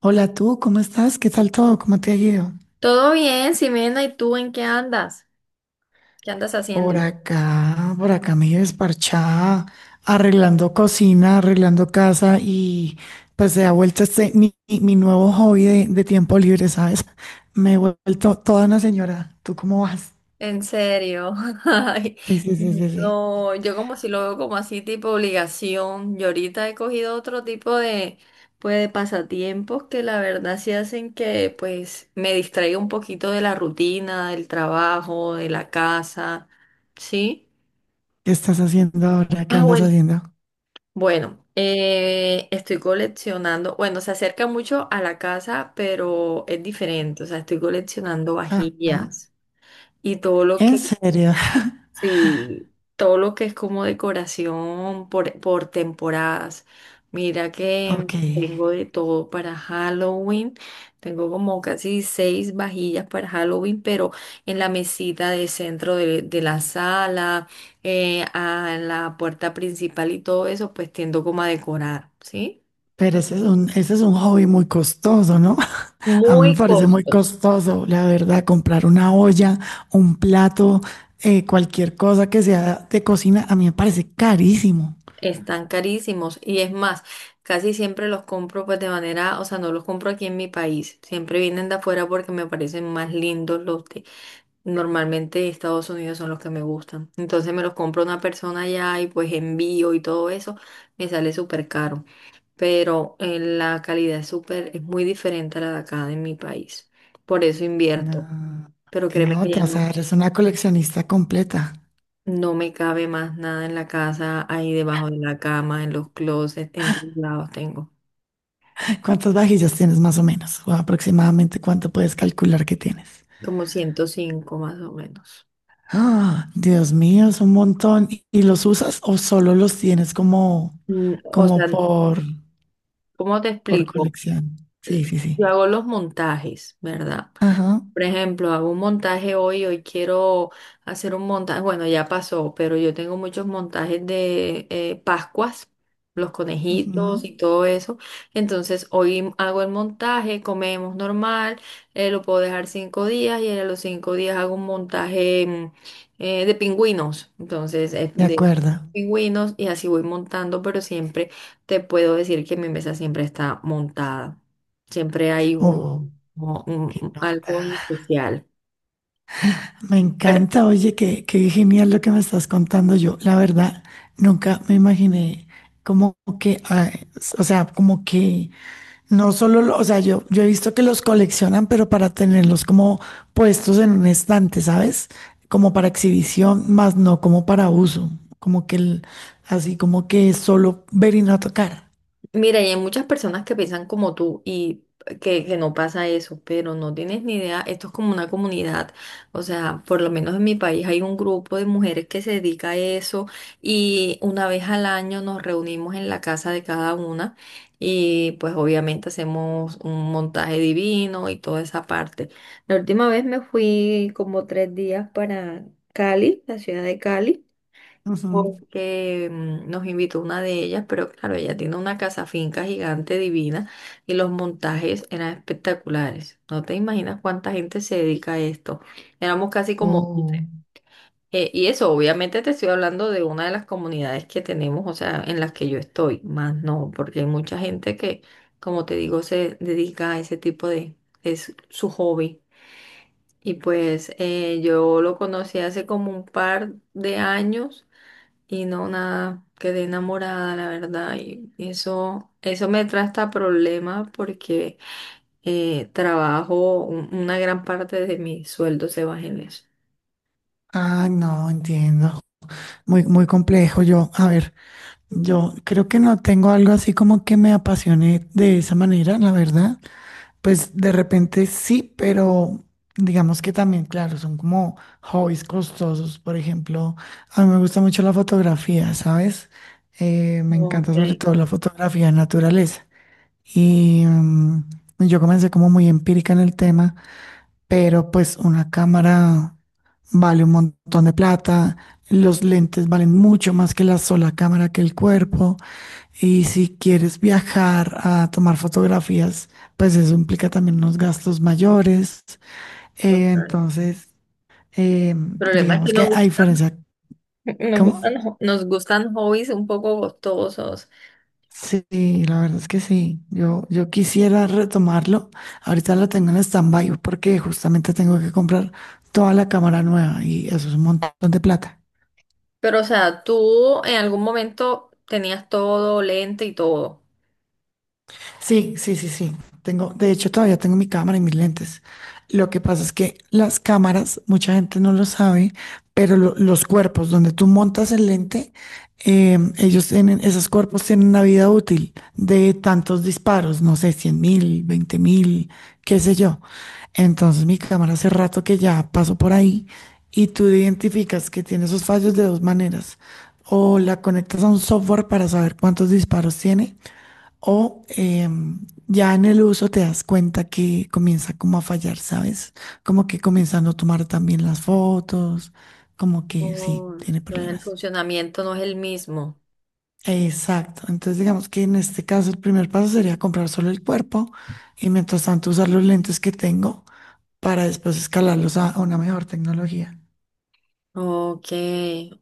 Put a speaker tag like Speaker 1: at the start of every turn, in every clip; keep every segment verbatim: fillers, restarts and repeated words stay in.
Speaker 1: Hola tú, ¿cómo estás? ¿Qué tal todo? ¿Cómo te ha ido?
Speaker 2: Todo bien, Ximena, ¿y tú en qué andas? ¿Qué andas
Speaker 1: Por
Speaker 2: haciendo?
Speaker 1: acá, por acá medio desparchada, arreglando cocina, arreglando casa y pues se ha vuelto este mi, mi- mi nuevo hobby de, de tiempo libre, ¿sabes? Me he vuelto toda una señora. ¿Tú cómo vas?
Speaker 2: En serio. Ay,
Speaker 1: Sí, sí, sí, sí, sí.
Speaker 2: no, yo como si lo veo como así tipo obligación. Yo ahorita he cogido otro tipo de, pues, de pasatiempos que la verdad sí hacen que pues me distraiga un poquito de la rutina, del trabajo, de la casa. ¿Sí?
Speaker 1: ¿Qué estás haciendo ahora? ¿Qué
Speaker 2: Ah,
Speaker 1: andas
Speaker 2: bueno,
Speaker 1: haciendo?
Speaker 2: Bueno, eh, estoy coleccionando, bueno, se acerca mucho a la casa, pero es diferente, o sea, estoy coleccionando
Speaker 1: Ajá.
Speaker 2: vajillas y todo lo...
Speaker 1: ¿En serio?
Speaker 2: Sí, todo lo que es como decoración por, por temporadas. Mira que
Speaker 1: Ok.
Speaker 2: tengo de todo para Halloween. Tengo como casi seis vajillas para Halloween, pero en la mesita de centro de, de la sala, eh, a la puerta principal y todo eso, pues tiendo como a decorar, ¿sí?
Speaker 1: Pero ese es un, ese es un hobby muy costoso, ¿no? A mí me
Speaker 2: Muy
Speaker 1: parece muy
Speaker 2: costoso.
Speaker 1: costoso, la verdad, comprar una olla, un plato, eh, cualquier cosa que sea de cocina, a mí me parece carísimo.
Speaker 2: Están carísimos y es más, casi siempre los compro pues de manera, o sea, no los compro aquí en mi país, siempre vienen de afuera porque me parecen más lindos los de... normalmente de Estados Unidos son los que me gustan, entonces me los compro una persona allá y pues envío y todo eso, me sale súper caro, pero eh, la calidad es súper, es muy diferente a la de acá de mi país, por eso invierto,
Speaker 1: No,
Speaker 2: pero
Speaker 1: qué
Speaker 2: créeme que ya
Speaker 1: nota, o
Speaker 2: no,
Speaker 1: sea, eres una coleccionista completa.
Speaker 2: no me cabe más nada en la casa, ahí debajo de la cama, en los closets, en todos lados tengo.
Speaker 1: ¿Cuántas vajillas tienes más o menos? O aproximadamente cuánto puedes calcular que tienes.
Speaker 2: Como ciento cinco más o menos.
Speaker 1: Ah, Dios mío, es un montón. ¿Y y los usas o solo los tienes como,
Speaker 2: Mm, O
Speaker 1: como
Speaker 2: sea,
Speaker 1: por,
Speaker 2: ¿cómo te
Speaker 1: por
Speaker 2: explico?
Speaker 1: colección? Sí, sí, sí.
Speaker 2: Yo hago los montajes, ¿verdad?
Speaker 1: Ajá,
Speaker 2: Por ejemplo, hago un montaje hoy, hoy quiero hacer un montaje, bueno, ya pasó, pero yo tengo muchos montajes de eh, Pascuas, los conejitos
Speaker 1: ujú,
Speaker 2: y todo eso. Entonces, hoy hago el montaje, comemos normal, eh, lo puedo dejar cinco días y a los cinco días hago un montaje mm, eh, de pingüinos. Entonces, eh,
Speaker 1: de
Speaker 2: de
Speaker 1: acuerdo.
Speaker 2: pingüinos y así voy montando, pero siempre te puedo decir que mi mesa siempre está montada. Siempre hay un
Speaker 1: Oh,
Speaker 2: como un-
Speaker 1: qué
Speaker 2: un- algo
Speaker 1: nota.
Speaker 2: en especial.
Speaker 1: Me
Speaker 2: Pero
Speaker 1: encanta, oye, qué, qué genial lo que me estás contando. Yo, la verdad, nunca me imaginé como que, ah, o sea, como que no solo, lo- o sea, yo, yo he visto que los coleccionan, pero para tenerlos como puestos en un estante, ¿sabes? Como para exhibición, más no como para uso, como que el- así como que solo ver y no tocar.
Speaker 2: mira, y hay muchas personas que piensan como tú y que, que no pasa eso, pero no tienes ni idea, esto es como una comunidad, o sea, por lo menos en mi país hay un grupo de mujeres que se dedica a eso y una vez al año nos reunimos en la casa de cada una y pues obviamente hacemos un montaje divino y toda esa parte. La última vez me fui como tres días para Cali, la ciudad de Cali.
Speaker 1: Ujú.
Speaker 2: Porque mm, nos invitó una de ellas, pero claro, ella tiene una casa finca gigante divina y los montajes eran espectaculares. No te imaginas cuánta gente se dedica a esto. Éramos casi como...
Speaker 1: Oh.
Speaker 2: eh, y eso, obviamente te estoy hablando de una de las comunidades que tenemos, o sea, en las que yo estoy, más no, porque hay mucha gente que, como te digo, se dedica a ese tipo de... es su hobby. Y pues eh, yo lo conocí hace como un par de años. Y no, nada, quedé enamorada, la verdad. Y eso, eso me trae hasta problemas porque eh, trabajo, un- una gran parte de mi sueldo se va en eso.
Speaker 1: Ah, no, entiendo. Muy, muy complejo. Yo, a ver, yo creo que no tengo algo así como que me apasione de esa manera, la verdad. Pues de repente sí, pero digamos que también, claro, son como hobbies costosos. Por ejemplo, a mí me gusta mucho la fotografía, ¿sabes? Eh, me
Speaker 2: Ok,
Speaker 1: encanta sobre todo la fotografía de naturaleza. Y mm, yo comencé como muy empírica en el tema pero pues una cámara vale un montón de plata, los lentes valen mucho más que la sola cámara que el cuerpo, y si quieres viajar a tomar fotografías, pues eso implica también unos gastos mayores. Eh,
Speaker 2: total.
Speaker 1: entonces, eh,
Speaker 2: El problema es que
Speaker 1: digamos
Speaker 2: nos,
Speaker 1: que a
Speaker 2: gu-
Speaker 1: diferencia,
Speaker 2: nos gustan,
Speaker 1: ¿cómo?
Speaker 2: jo- nos gustan hobbies un poco costosos.
Speaker 1: Sí, la verdad es que sí. Yo, yo quisiera retomarlo. Ahorita lo tengo en stand-by porque justamente tengo que comprar toda la cámara nueva y eso es un montón de plata.
Speaker 2: Pero, o sea, tú en algún momento tenías todo lente y todo.
Speaker 1: Sí, sí, sí, sí. Tengo, de hecho, todavía tengo mi cámara y mis lentes. Lo que pasa es que las cámaras, mucha gente no lo sabe, pero lo- los cuerpos donde tú montas el lente, eh, ellos tienen, esos cuerpos tienen una vida útil de tantos disparos, no sé, cien mil, veinte mil, qué sé yo. Entonces, mi cámara hace rato que ya paso por ahí y tú identificas que tiene esos fallos de dos maneras. O la conectas a un software para saber cuántos disparos tiene o em, ya en el uso te das cuenta que comienza como a fallar, ¿sabes? Como que comenzando a no tomar también las fotos, como que sí,
Speaker 2: Oh,
Speaker 1: tiene
Speaker 2: el
Speaker 1: problemas.
Speaker 2: funcionamiento no es el mismo.
Speaker 1: Exacto. Entonces digamos que en este caso el primer paso sería comprar solo el cuerpo y mientras tanto usar los lentes que tengo para después escalarlos a, a una mejor tecnología.
Speaker 2: Ok.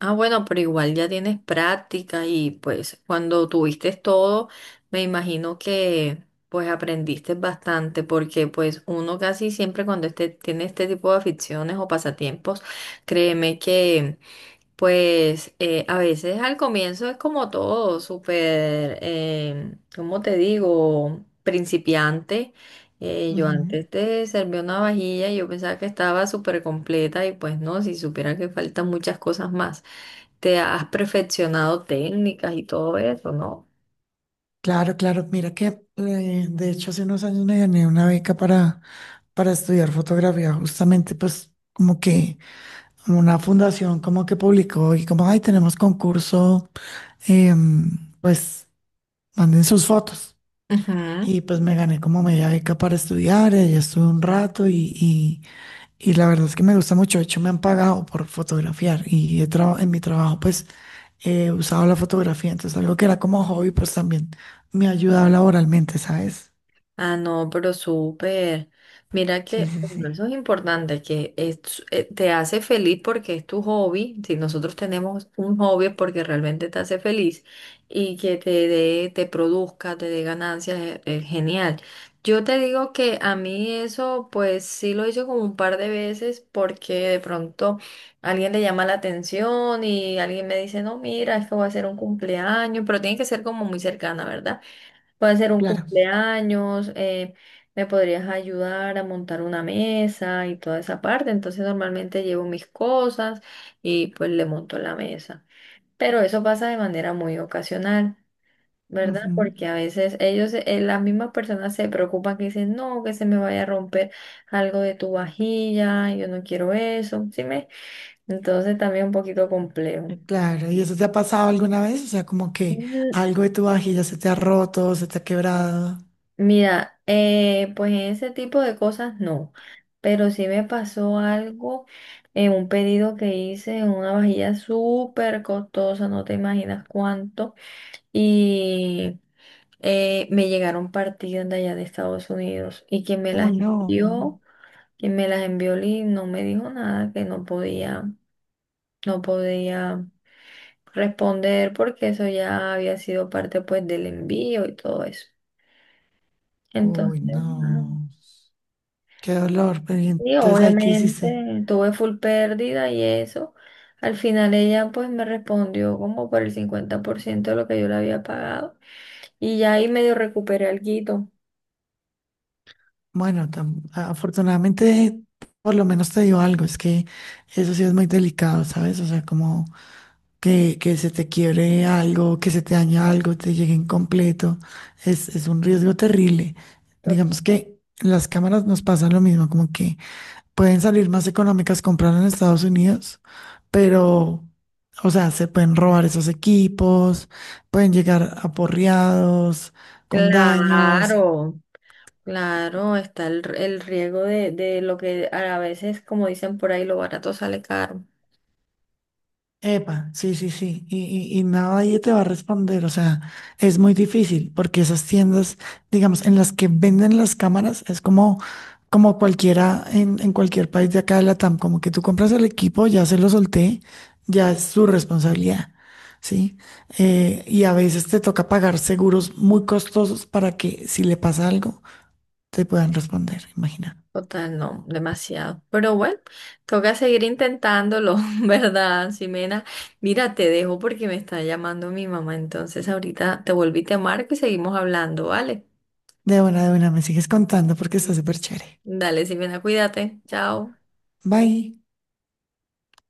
Speaker 2: Ah, bueno, pero igual ya tienes práctica y pues cuando tuviste todo, me imagino que pues aprendiste bastante porque pues uno casi siempre cuando este, tiene este tipo de aficiones o pasatiempos, créeme que... Pues eh, a veces al comienzo es como todo, súper, eh, ¿cómo te digo? Principiante. Eh, yo
Speaker 1: Ujú.
Speaker 2: antes te serví una vajilla y yo pensaba que estaba súper completa y pues no, si supiera que faltan muchas cosas más. Te has perfeccionado técnicas y todo eso, ¿no?
Speaker 1: Claro, claro. Mira que eh, de hecho hace unos años me gané una beca para, para estudiar fotografía, justamente pues como que una fundación como que publicó y como, ay, tenemos concurso, em, pues manden sus fotos.
Speaker 2: Ujú.
Speaker 1: Y pues me gané como media beca para estudiar, allá estuve un rato y, y, y la verdad es que me gusta mucho, de hecho me han pagado por fotografiar y he traba- en mi trabajo pues he usado la fotografía, entonces algo que era como hobby pues también me ha ayudado laboralmente, ¿sabes?
Speaker 2: Ah, no, pero súper. Mira
Speaker 1: Sí,
Speaker 2: que,
Speaker 1: sí,
Speaker 2: bueno,
Speaker 1: sí,
Speaker 2: eso es importante, que es- eh, te hace feliz porque es tu hobby. Si nosotros tenemos un hobby es porque realmente te hace feliz y que te dé, te produzca, te dé ganancias, eh, eh, genial. Yo te digo que a mí eso, pues sí lo hice como un par de veces porque de pronto alguien le llama la atención y alguien me dice, no, mira, es que voy a hacer un cumpleaños, pero tiene que ser como muy cercana, ¿verdad? Puede ser un
Speaker 1: claro.
Speaker 2: cumpleaños, eh, me podrías ayudar a montar una mesa y toda esa parte. Entonces normalmente llevo mis cosas y pues le monto la mesa. Pero eso pasa de manera muy ocasional, ¿verdad?
Speaker 1: Ujú.
Speaker 2: Porque a veces ellos, eh, las mismas personas se preocupan que dicen, no, que se me vaya a romper algo de tu vajilla, yo no quiero eso, ¿sí me? Entonces también un poquito complejo.
Speaker 1: Claro, ¿y eso te ha pasado alguna vez? O sea, como que
Speaker 2: Mm,
Speaker 1: algo de tu vajilla se te ha roto, se te ha quebrado.
Speaker 2: Mira, eh, pues en ese tipo de cosas no, pero sí me pasó algo en un pedido que hice en una vajilla súper costosa, no te imaginas cuánto, y eh, me llegaron partidas de allá de Estados Unidos y quien me
Speaker 1: Uy,
Speaker 2: las
Speaker 1: no.
Speaker 2: envió, quien me las envió Lee, no me dijo nada, que no podía, no podía responder porque eso ya había sido parte pues del envío y todo eso. Entonces,
Speaker 1: Uy, no. Qué dolor. Pero ¿y
Speaker 2: sí,
Speaker 1: entonces, ahí, ¿qué hiciste?
Speaker 2: obviamente, tuve full pérdida y eso. Al final ella pues me respondió como por el cincuenta por ciento de lo que yo le había pagado y ya ahí medio recuperé alguito.
Speaker 1: Bueno, tam- a- afortunadamente, por lo menos te dio algo. Es que eso sí es muy delicado, ¿sabes? O sea, como que, que se te quiebre algo, que se te dañe algo, te llegue incompleto. Es, es un riesgo terrible.
Speaker 2: Total.
Speaker 1: Digamos que las cámaras nos pasan lo mismo, como que pueden salir más económicas comprar en Estados Unidos, pero, o sea, se pueden robar esos equipos, pueden llegar aporreados, con daños.
Speaker 2: Claro, claro, está el, el riesgo de, de lo que a veces, como dicen por ahí, lo barato sale caro.
Speaker 1: Epa, sí, sí, sí, y, y, y nadie te va a responder, o sea, es muy difícil porque esas tiendas, digamos, en las que venden las cámaras, es como, como cualquiera en, en cualquier país de acá de Latam, como que tú compras el equipo, ya se lo solté, ya es su responsabilidad, ¿sí? Eh, y a veces te toca pagar seguros muy costosos para que si le pasa algo, te puedan responder, imagina.
Speaker 2: Total, no, demasiado. Pero bueno, toca seguir intentándolo, ¿verdad, Ximena? Mira, te dejo porque me está llamando mi mamá, entonces ahorita te volví, te marco y seguimos hablando, ¿vale?
Speaker 1: De buena, de buena, me sigues contando porque está súper chévere.
Speaker 2: Dale, Ximena, cuídate. Chao.
Speaker 1: Bye.